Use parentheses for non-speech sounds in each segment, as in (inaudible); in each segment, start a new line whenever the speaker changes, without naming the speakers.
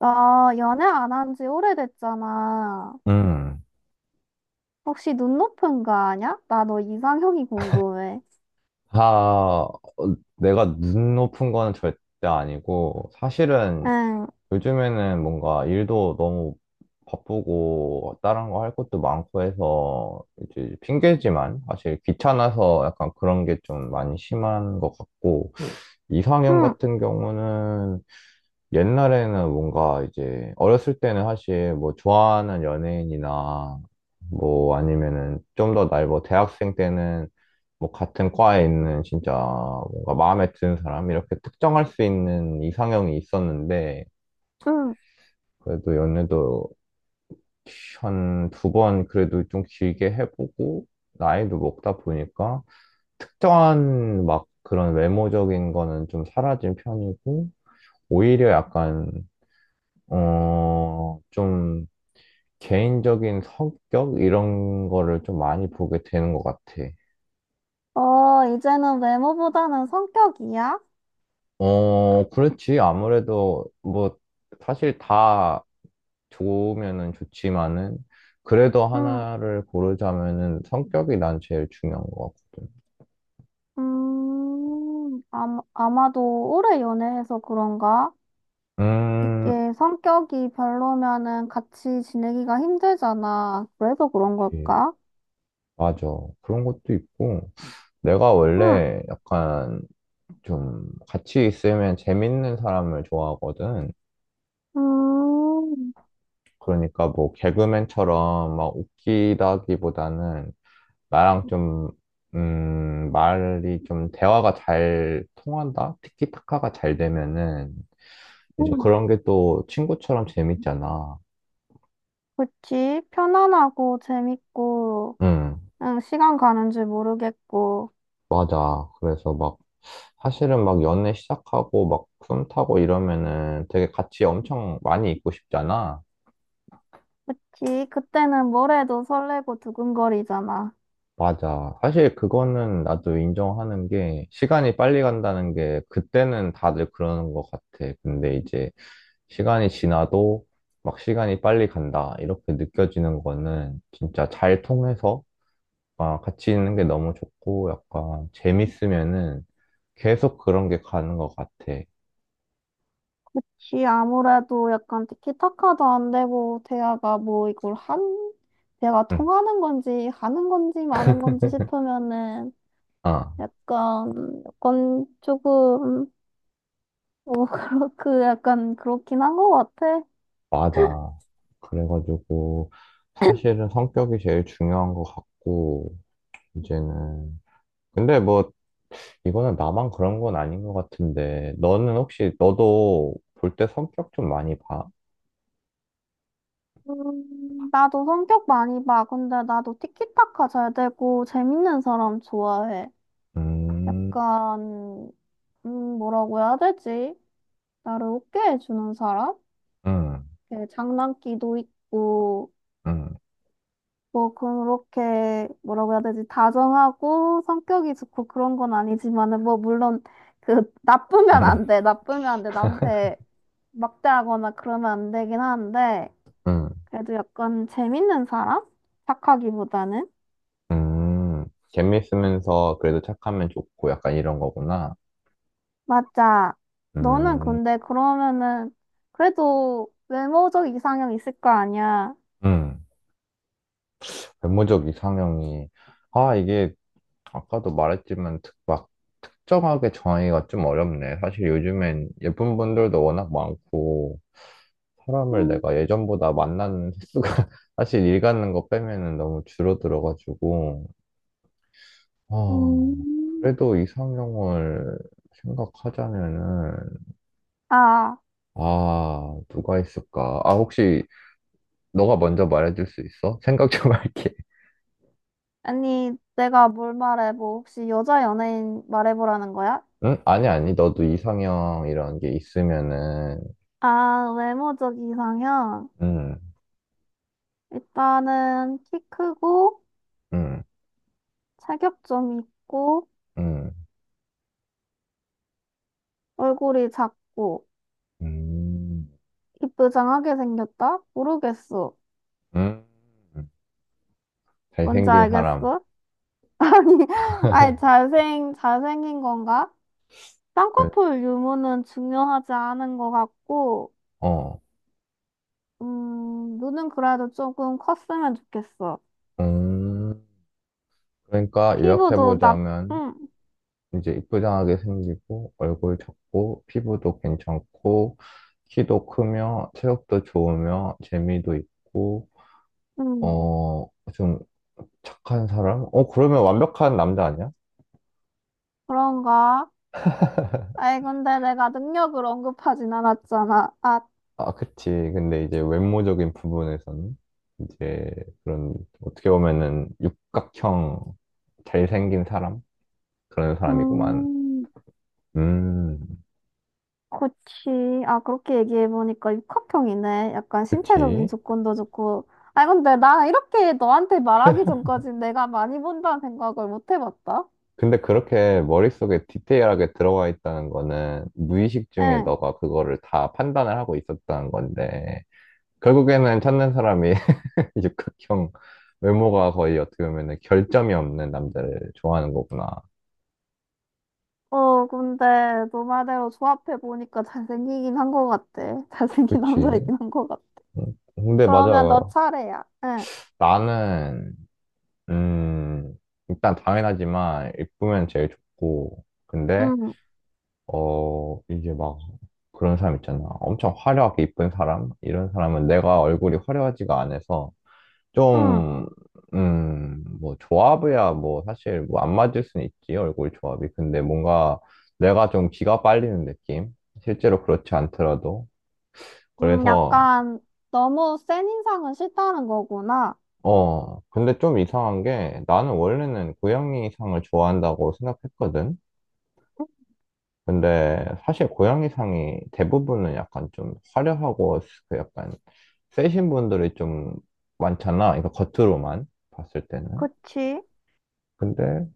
아, 연애 안 한 지 오래됐잖아.
음,
혹시 눈 높은 거 아냐? 나 너 이상형이 궁금해.
다, 어, 내가 눈 높은 거는 절대 아니고, 사실은
응,
요즘에는 뭔가 일도 너무 바쁘고, 다른 거 할 것도 많고 해서, 이제 핑계지만, 사실 귀찮아서 약간 그런 게 좀 많이 심한 것 같고, 이상형
응,
같은 경우는 옛날에는 뭔가 이제 어렸을 때는 사실 뭐 좋아하는 연예인이나 뭐 아니면은 좀 더 나이 뭐 대학생 때는 뭐 같은 과에 있는 진짜 뭔가 마음에 드는 사람 이렇게 특정할 수 있는 이상형이 있었는데
응.
그래도 연애도 한 두 번 그래도 좀 길게 해보고 나이도 먹다 보니까 특정한 막 그런 외모적인 거는 좀 사라진 편이고 오히려 약간 좀 개인적인 성격 이런 거를 좀 많이 보게 되는 것 같아.
어, 이제는 외모보다는 성격이야?
어, 그렇지. 아무래도 뭐 사실 다 좋으면은 좋지만은 그래도
응.
하나를 고르자면은 성격이 난 제일 중요한 것 같거든.
아마도 오래 연애해서 그런가?
음,
이게 성격이 별로면은 같이 지내기가 힘들잖아. 그래서 그런
그치.
걸까?
맞아. 그런 것도 있고, 내가
응,
원래 약간 좀 같이 있으면 재밌는 사람을 좋아하거든.
음,
그러니까 뭐 개그맨처럼 막 웃기다기보다는 나랑 좀, 말이 좀 대화가 잘 통한다? 티키타카가 잘 되면은 이제
응.
그런 게 또 친구처럼 재밌잖아.
그치? 편안하고 재밌고.
응,
응, 시간 가는 줄 모르겠고.
맞아. 그래서 막 사실은 막 연애 시작하고 막 썸 타고 이러면은 되게 같이 엄청 많이 있고 싶잖아.
그치, 그때는 뭘 해도 설레고 두근거리잖아.
맞아. 사실 그거는 나도 인정하는 게 시간이 빨리 간다는 게 그때는 다들 그러는 것 같아. 근데 이제 시간이 지나도 막 시간이 빨리 간다. 이렇게 느껴지는 거는 진짜 잘 통해서 아, 같이 있는 게 너무 좋고 약간 재밌으면은 계속 그런 게 가는 것 같아.
지 아무래도 약간 티키타카도 안 되고, 대화가 뭐 이걸 한, 대화가
응.
통하는 건지, 하는 건지, 마는 건지
(laughs)
싶으면은,
아,
약간, 약간 조금, (laughs) 그 약간 그렇긴 한 것 같아.
맞아. 그래가지고 사실은 성격이 제일 중요한 것 같고 이제는 근데 뭐 이거는 나만 그런 건 아닌 것 같은데, 너는 혹시, 너도 볼 때 성격 좀 많이 봐?
나도 성격 많이 봐. 근데 나도 티키타카 잘 되고, 재밌는 사람 좋아해.
음,
약간, 뭐라고 해야 되지? 나를 웃게 해주는 사람?
음,
이렇게 장난기도 있고,
음,
뭐, 그렇게, 뭐라고 해야 되지? 다정하고, 성격이 좋고 그런 건 아니지만은, 뭐, 물론, 그, 나쁘면
음,
안 돼. 나쁘면 안 돼. 남한테 막대하거나 그러면 안 되긴 한데,
음,
그래도 약간 재밌는 사람? 착하기보다는?
재밌으면서 그래도 착하면 좋고 약간 이런 거구나.
맞아. 너는
음,
근데 그러면은, 그래도 외모적 이상형 있을 거 아니야?
음. 외모적 이상형이, 아, 이게 아까도 말했지만 막 특정하게 정하기가 좀 어렵네. 사실 요즘엔 예쁜 분들도 워낙 많고, 사람을
음,
내가 예전보다 만나는 횟수가 (laughs) 사실 일 가는 거 빼면은 너무 줄어들어가지고, 어,
음.
그래도 이상형을 생각하자면은,
아,
아, 누가 있을까? 아, 혹시 너가 먼저 말해줄 수 있어? 생각 좀 (laughs) 할게.
아니, 내가 뭘 말해? 뭐, 혹시 여자 연예인 말해보라는 거야?
응? 아니, 아니, 너도 이상형 이런 게 있으면은,
아, 외모적 이상형.
응,
일단은 키 크고,
응,
체격점 있고,
응,
얼굴이 작고,
음,
이쁘장하게 생겼다? 모르겠어.
음,
뭔지
잘생긴 사람.
알겠어? (laughs) 아니, 아니,
(laughs)
잘생긴 건가?
왜?
쌍꺼풀 유무는 중요하지 않은 것 같고,
어,
눈은 그래도 조금 컸으면 좋겠어.
음. 그러니까
피부도 나,
요약해보자면
음.
이제 이쁘장하게 생기고 얼굴 작고 피부도 괜찮고 키도 크며 체력도 좋으며 재미도 있고
음.
어 좀 착한 사람? 그러면 완벽한 남자 아니야?
그런가? 아이, 근데 내가 능력을 언급하진 않았잖아. 아,
아, 그치. 근데 이제 외모적인 부분에서는 이제 그런 어떻게 보면은 육각형 잘생긴 사람? 그런 사람이구만.
음,
음,
그치. 아, 그렇게 얘기해보니까 육학형이네. 약간 신체적인
그치.
조건도 좋고. 아 근데 나 이렇게 너한테 말하기 전까지 내가 많이 본다는 생각을 못 해봤다.
근데 그렇게 머릿속에 디테일하게 들어와 있다는 거는 무의식 중에
응.
너가 그거를 다 판단을 하고 있었다는 건데, 결국에는 찾는 사람이 (laughs) 육각형 외모가 거의 어떻게 보면 결점이 없는 남자를 좋아하는 거구나.
어, 근데 너 말대로 조합해보니까 잘생기긴 한 것 같아. (laughs) 잘생긴
그치.
남자이긴 한 것 같아.
근데 맞아.
그러면 너 차례야. 응.
나는, 음, 일단 당연하지만, 이쁘면 제일 좋고, 근데
응.
이제 막 그런 사람 있잖아. 엄청 화려하게 이쁜 사람? 이런 사람은 내가 얼굴이 화려하지가 않아서
응.
좀, 뭐 조합이야 뭐 사실 뭐 안 맞을 수는 있지, 얼굴 조합이. 근데 뭔가 내가 좀 기가 빨리는 느낌? 실제로 그렇지 않더라도. 그래서,
약간 너무 센 인상은 싫다는 거구나.
근데 좀 이상한 게 나는 원래는 고양이상을 좋아한다고 생각했거든. 근데 사실 고양이상이 대부분은 약간 좀 화려하고 그 약간 세신 분들이 좀 많잖아. 그러니까 겉으로만 봤을 때는.
그치?
근데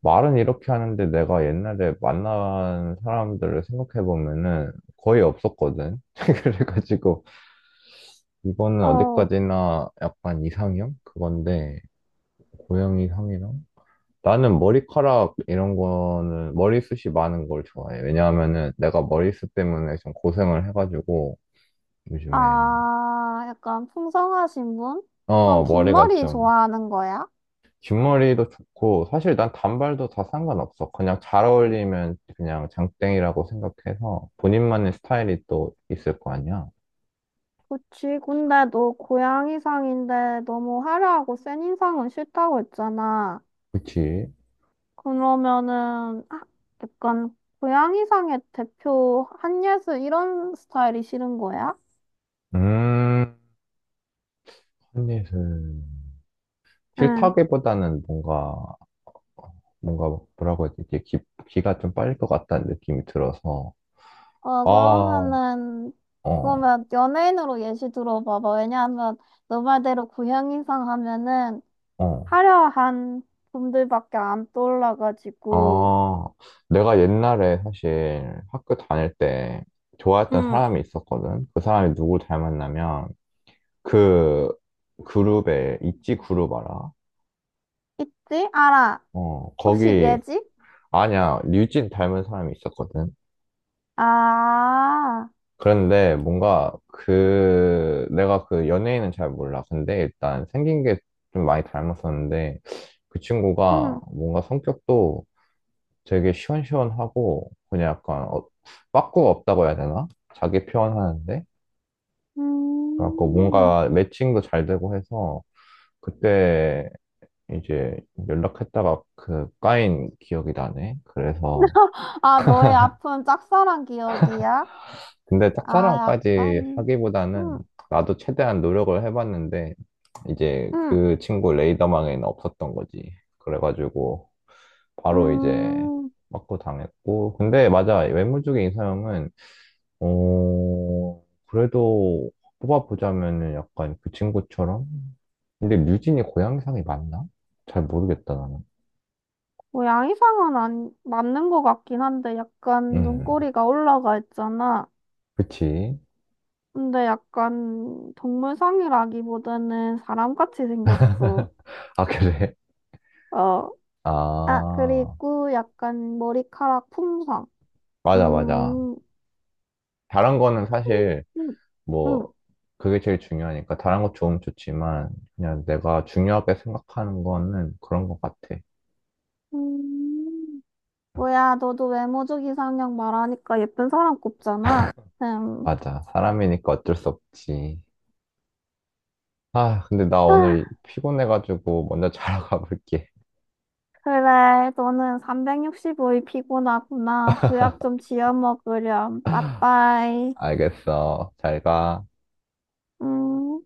말은 이렇게 하는데 내가 옛날에 만난 사람들을 생각해 보면은 거의 없었거든. (laughs) 그래가지고 이거는
어,
어디까지나 약간 이상형 그건데 고양이상이랑 나는 머리카락 이런 거는 머리숱이 많은 걸 좋아해. 왜냐하면은 내가 머리숱 때문에 좀 고생을 해가지고 요즘에
아, 약간 풍성하신 분? 그럼 긴
머리가
머리
좀
좋아하는 거야?
긴 머리도 좋고 사실 난 단발도 다 상관없어. 그냥 잘 어울리면 그냥 장땡이라고 생각해서 본인만의 스타일이 또 있을 거 아니야.
그치. 근데 너 고양이상인데 너무 화려하고 센 인상은 싫다고 했잖아.
그치?
그러면은 아, 약간 고양이상의 대표 한예슬 이런 스타일이 싫은 거야?
음, 한예슬.
응
싫다기보다는 뭔가 뭐라고 해야 되지? 기가 좀 빨릴 것 같다는 느낌이 들어서.
어,
아.
그러면은,
어,
그러면 연예인으로 예시 들어봐봐. 왜냐하면, 너 말대로 고향이상 하면은,
어.
화려한 분들밖에 안 떠올라가지고,
아, 내가 옛날에 사실 학교 다닐 때 좋아했던
응,
사람이 있었거든. 그 사람이 누굴 닮았나면 그 그룹에 있지 그룹 알아?
있지? 알아.
어,
혹시
거기
예지?
아니야. 류진 닮은 사람이 있었거든.
아,
그런데 뭔가 내가 그 연예인은 잘 몰라. 근데 일단 생긴 게 좀 많이 닮았었는데 그 친구가
응.
뭔가 성격도 되게 시원시원하고 그냥 약간 빠꾸가 없다고 해야 되나? 자기 표현하는데. 그래갖고
음.
뭔가 매칭도 잘 되고 해서 그때 이제 연락했다가 그 까인 기억이 나네. 그래서
아, 너의 아픈 짝사랑 기억이야?
근데
아,
짝사랑까지
약간,
하기보다는
음,
나도 최대한 노력을 해봤는데 이제
응.
그 친구 레이더망에는 없었던 거지. 그래가지고 바로 이제
음.
빠꾸 당했고 근데 맞아. 외모 쪽의 이사형은 그래도 뽑아보자면은 약간 그 친구처럼? 근데 류진이 고향상이 맞나? 잘 모르겠다, 나는.
뭐 양이상은 안, 맞는 것 같긴 한데 약간
음,
눈꼬리가 올라가 있잖아.
그치.
근데 약간 동물상이라기보다는 사람같이 생겼어.
(laughs) 아, 그래?
어. 아,
아,
그리고 약간 머리카락 품성.
맞아, 맞아.
음,
잘한 거는 사실,
음,
뭐,
음,
그게 제일 중요하니까. 잘한 거 좋으면 좋지만, 그냥 내가 중요하게 생각하는 거는 그런 것 같아.
음. 뭐야, 너도 외모적 이상형 말하니까 예쁜 사람 꼽잖아. 음.
맞아. 사람이니까 어쩔 수 없지. 아, 근데 나
아,
오늘 피곤해가지고 먼저 자러 (laughs) 가볼게.
그래, 너는 365일 피곤하구나. 보약 좀 지어 먹으렴. 빠빠이.
알겠어. 잘 가.
음.